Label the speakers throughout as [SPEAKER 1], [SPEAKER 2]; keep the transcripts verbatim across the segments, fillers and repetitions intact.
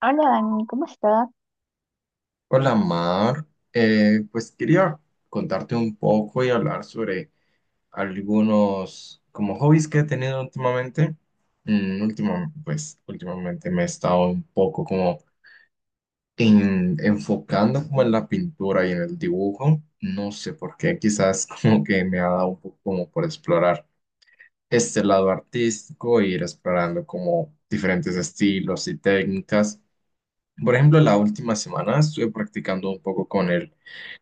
[SPEAKER 1] Hola Dani, ¿cómo estás?
[SPEAKER 2] Hola Mar, Eh, pues quería contarte un poco y hablar sobre algunos como hobbies que he tenido últimamente. Mm, última- pues últimamente me he estado un poco como en- enfocando como en la pintura y en el dibujo. No sé por qué, quizás como que me ha dado un poco como por explorar este lado artístico e ir explorando como diferentes estilos y técnicas. Por ejemplo, la última semana estuve practicando un poco con el,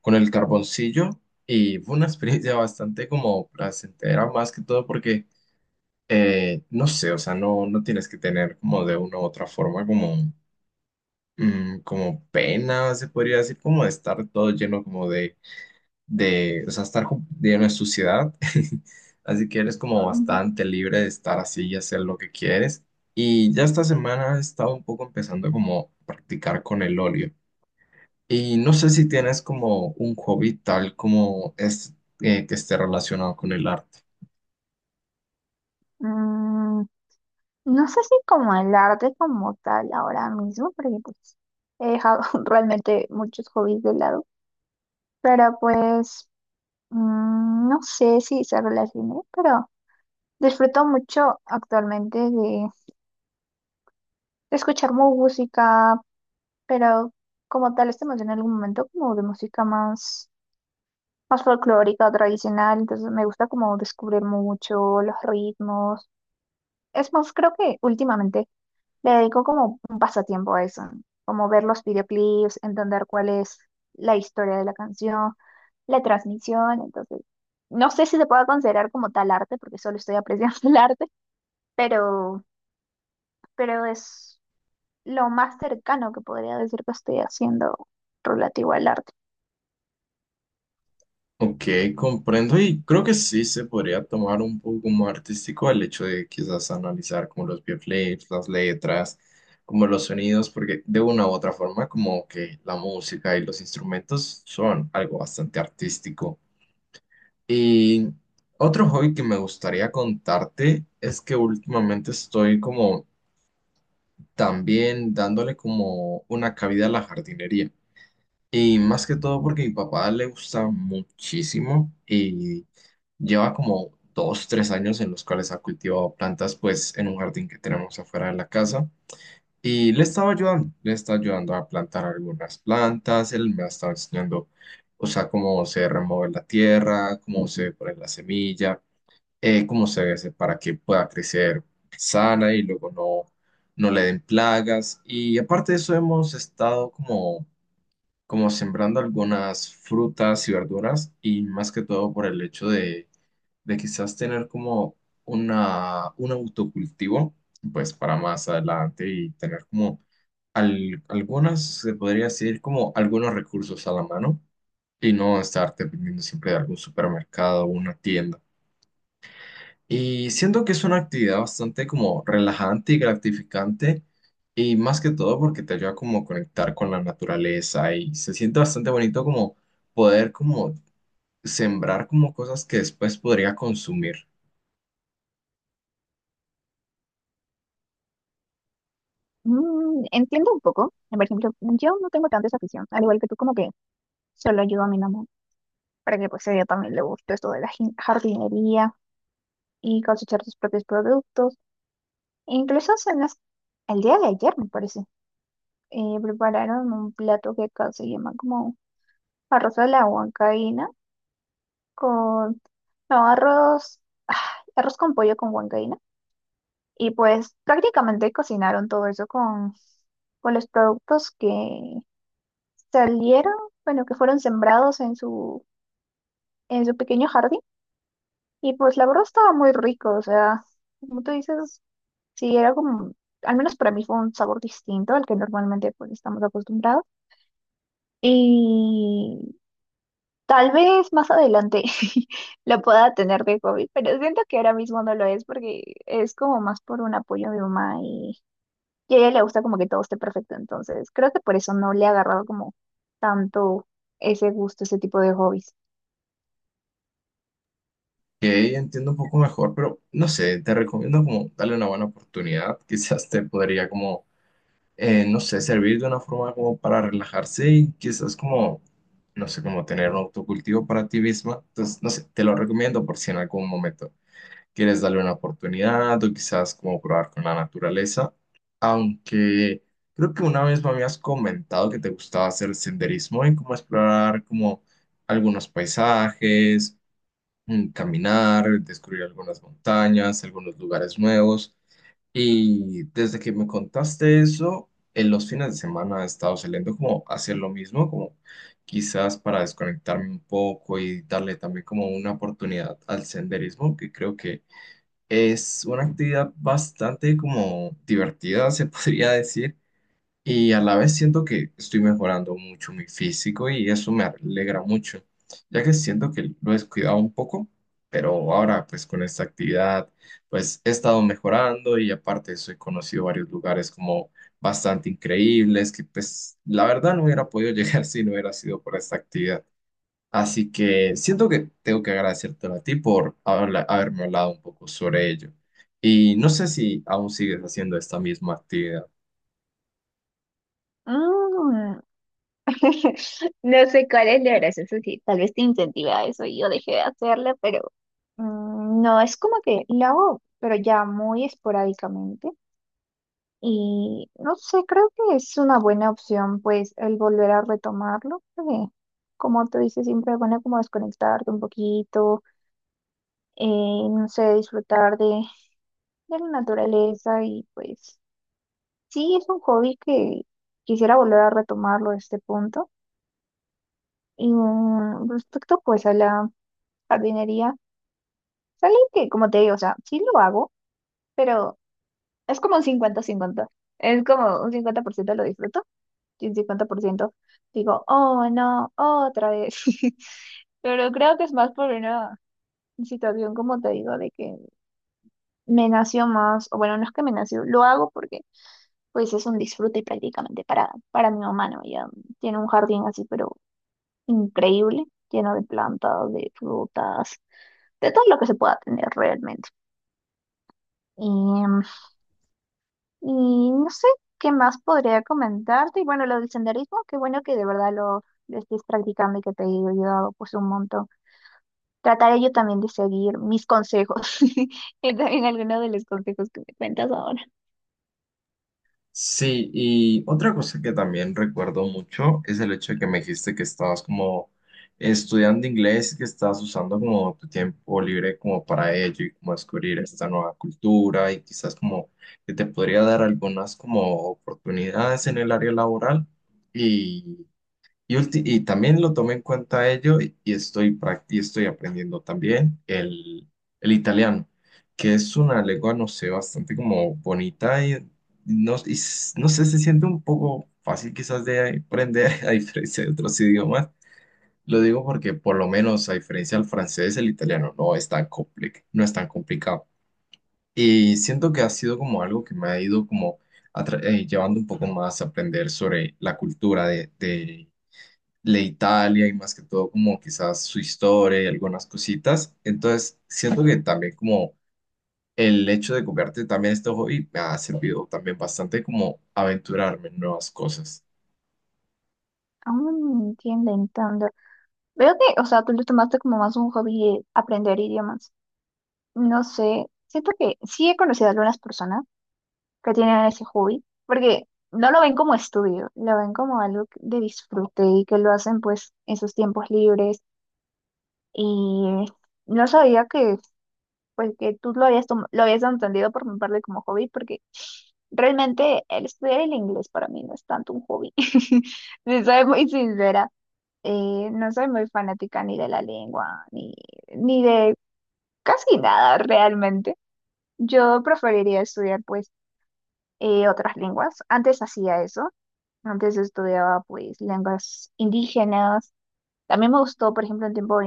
[SPEAKER 2] con el carboncillo y fue una experiencia bastante como placentera, más que todo porque, eh, no sé, o sea, no, no tienes que tener como de una u otra forma como, mm, como pena, se podría decir, como de estar todo lleno como de, de, o sea, estar ju- lleno de suciedad. Así que eres como
[SPEAKER 1] Mm,
[SPEAKER 2] bastante libre de estar así y hacer lo que quieres. Y ya esta semana he estado un poco empezando como a practicar con el óleo. Y no sé si tienes como un hobby tal como es eh, que esté relacionado con el arte.
[SPEAKER 1] mm, no sé si como el arte como tal ahora mismo, porque pues he dejado realmente muchos hobbies de lado, pero pues mm, no sé si se relacione, pero disfruto mucho actualmente de escuchar música, pero como tal este emocioné en algún momento como de música más, más folclórica, tradicional, entonces me gusta como descubrir mucho los ritmos. Es más, creo que últimamente le dedico como un pasatiempo a eso, ¿no? Como ver los videoclips, entender cuál es la historia de la canción, la transmisión, entonces no sé si se pueda considerar como tal arte, porque solo estoy apreciando el arte, pero, pero es lo más cercano que podría decir que estoy haciendo relativo al arte.
[SPEAKER 2] Ok, comprendo y creo que sí se podría tomar un poco más artístico el hecho de quizás analizar como los videoclips, las letras, como los sonidos, porque de una u otra forma como que la música y los instrumentos son algo bastante artístico. Y otro hobby que me gustaría contarte es que últimamente estoy como también dándole como una cabida a la jardinería. Y más que todo porque mi papá le gusta muchísimo y lleva como dos, tres años en los cuales ha cultivado plantas pues en un jardín que tenemos afuera de la casa. Y le estaba ayudando, le está ayudando a plantar algunas plantas, él me ha estado enseñando, o sea, cómo se remueve la tierra, cómo se pone la semilla, eh, cómo se debe hacer para que pueda crecer sana y luego no, no le den plagas. Y aparte de eso, hemos estado como, como sembrando algunas frutas y verduras y más que todo por el hecho de, de quizás tener como una, un autocultivo, pues para más adelante y tener como al- algunas, se podría decir, como algunos recursos a la mano. Y no estar dependiendo siempre de algún supermercado o una tienda. Y siento que es una actividad bastante como relajante y gratificante, y más que todo porque te ayuda como a conectar con la naturaleza y se siente bastante bonito como poder como sembrar como cosas que después podría consumir,
[SPEAKER 1] Mm, entiendo un poco, por ejemplo, yo no tengo tanta esa afición, al igual que tú, como que solo ayudo a mi mamá para que pues a ella también le guste esto de la jin- jardinería y cosechar sus propios productos. Incluso hace unas- el día de ayer, me parece, eh, prepararon un plato que acá se llama como arroz a la huancaína con, no, arroz, ah, arroz con pollo con huancaína. Y pues prácticamente cocinaron todo eso con, con los productos que salieron, bueno, que fueron sembrados en su, en su pequeño jardín. Y pues la verdad estaba muy rico, o sea, como tú dices, sí, era como, al menos para mí fue un sabor distinto al que normalmente pues estamos acostumbrados. Y tal vez más adelante lo pueda tener de hobby, pero siento que ahora mismo no lo es porque es como más por un apoyo de mamá y, y a ella le gusta como que todo esté perfecto. Entonces, creo que por eso no le ha agarrado como tanto ese gusto, ese tipo de hobbies.
[SPEAKER 2] que entiendo un poco mejor, pero no sé, te recomiendo como darle una buena oportunidad, quizás te podría como, eh, no sé, servir de una forma como para relajarse y quizás como no sé, como tener un autocultivo para ti misma. Entonces, no sé, te lo recomiendo por si en algún momento quieres darle una oportunidad o quizás como probar con la naturaleza. Aunque creo que una vez me habías comentado que te gustaba hacer senderismo y como explorar como algunos paisajes, mm, caminar, descubrir algunas montañas, algunos lugares nuevos. Y desde que me contaste eso, en los fines de semana he estado saliendo como a hacer lo mismo, como quizás para desconectarme un poco y darle también como una oportunidad al senderismo, que creo que es una actividad bastante como divertida, se podría decir, y a la vez siento que estoy mejorando mucho mi físico y eso me alegra mucho, ya que siento que lo he descuidado un poco, pero ahora pues con esta actividad pues he estado mejorando y aparte soy conocido varios lugares como bastante increíbles que pues la verdad no hubiera podido llegar si no hubiera sido por esta actividad. Así que siento que tengo que agradecértelo a ti por habla- haberme hablado un poco sobre ello. Y no sé si aún sigues haciendo esta misma actividad.
[SPEAKER 1] Mm. No sé cuál es la gracia, eso sí, tal vez te incentiva a eso y yo dejé de hacerlo, pero mm, no es como que lo hago, pero ya muy esporádicamente. Y no sé, creo que es una buena opción, pues, el volver a retomarlo, porque, como tú dices, siempre es bueno como desconectarte un poquito, eh, no sé, disfrutar de, de la naturaleza y pues, sí, es un hobby que quisiera volver a retomarlo a este punto. Y mm, respecto, pues, a la jardinería, sale que, como te digo, o sea, sí lo hago, pero es como un cincuenta cincuenta, es como un cincuenta por ciento lo disfruto y el cincuenta por ciento digo, oh no, otra vez. Pero creo que es más por una situación, como te digo, de que me nació más, o bueno, no es que me nació, lo hago porque pues es un disfrute prácticamente para, para mi mamá, ¿no? Ella tiene un jardín así, pero increíble, lleno de plantas, de frutas, de todo lo que se pueda tener realmente. Y Y no sé qué más podría comentarte. Y bueno, lo del senderismo, qué bueno que de verdad lo, lo estés practicando y que te haya ayudado pues un montón. Trataré yo también de seguir mis consejos y también algunos de los consejos que me cuentas ahora.
[SPEAKER 2] Sí, y otra cosa que también recuerdo mucho es el hecho de que me dijiste que estabas como estudiando inglés y que estabas usando como tu tiempo libre como para ello y como descubrir esta nueva cultura y quizás como que te podría dar algunas como oportunidades en el área laboral. Y, ulti- y también lo tomé en cuenta ello y y estoy, prac- y estoy aprendiendo también el, el italiano, que es una lengua, no sé, bastante como bonita y no, y s- no sé, se siente un poco fácil quizás de aprender a diferencia de otros idiomas. Lo digo porque por lo menos a diferencia del francés, el italiano no es tan compli- no es tan complicado. Y siento que ha sido como algo que me ha ido como atra- eh, llevando un poco más a aprender sobre la cultura de, de Italia y más que todo como quizás su historia y algunas cositas. Entonces, siento que también como el hecho de copiarte también este hobby me ha servido también bastante como aventurarme en nuevas cosas.
[SPEAKER 1] Aún no entiendo tanto. Veo que, o sea, tú lo tomaste como más un hobby, eh, aprender idiomas. No sé, siento que sí he conocido a algunas personas que tienen ese hobby, porque no lo ven como estudio, lo ven como algo que- de disfrute y que lo hacen pues en sus tiempos libres. Y no sabía que, pues, que tú lo habías, tom- lo habías entendido por mi parte como hobby, porque realmente el estudiar el inglés para mí no es tanto un hobby. Si soy muy sincera, eh, no soy muy fanática ni de la lengua, ni, ni de casi nada realmente. Yo preferiría estudiar, pues, eh, otras lenguas. Antes hacía eso. Antes estudiaba, pues, lenguas indígenas. También me gustó, por ejemplo, en tiempo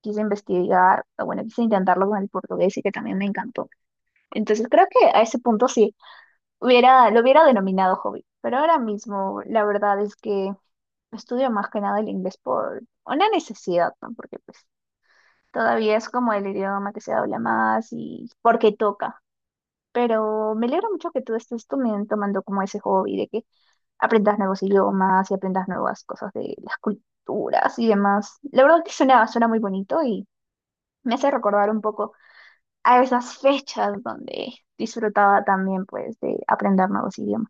[SPEAKER 1] quise investigar, o bueno, quise intentarlo con el portugués y que también me encantó. Entonces creo que a ese punto sí, hubiera, lo hubiera denominado hobby, pero ahora mismo la verdad es que estudio más que nada el inglés por una necesidad, ¿no? Porque pues todavía es como el idioma que se habla más y porque toca. Pero me alegra mucho que tú estés tomen- tomando como ese hobby de que aprendas nuevos idiomas y aprendas nuevas cosas de las culturas y demás. La verdad que suena, suena muy bonito y me hace recordar un poco a esas fechas donde disfrutaba también pues de aprender nuevos idiomas.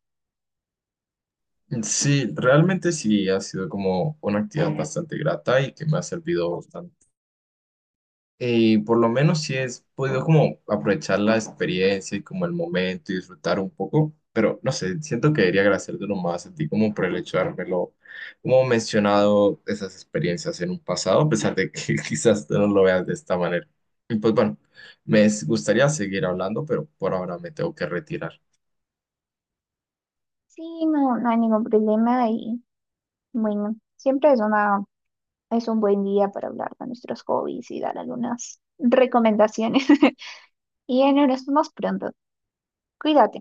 [SPEAKER 2] Sí, realmente sí ha sido como una actividad bastante grata y que me ha servido. Y por lo menos sí es podido como aprovechar la experiencia y como el momento y disfrutar un poco, pero no sé, siento que debería agradecértelo más a ti como por el hecho de haberlo, como mencionado esas experiencias en un pasado, a pesar de que quizás tú no lo veas de esta manera. Y pues bueno, me gustaría seguir hablando, pero por ahora me tengo que retirar.
[SPEAKER 1] Sí, no, no hay ningún problema y bueno, siempre es una, es un buen día para hablar de nuestros hobbies y dar algunas recomendaciones. Y en nos vemos pronto. Cuídate.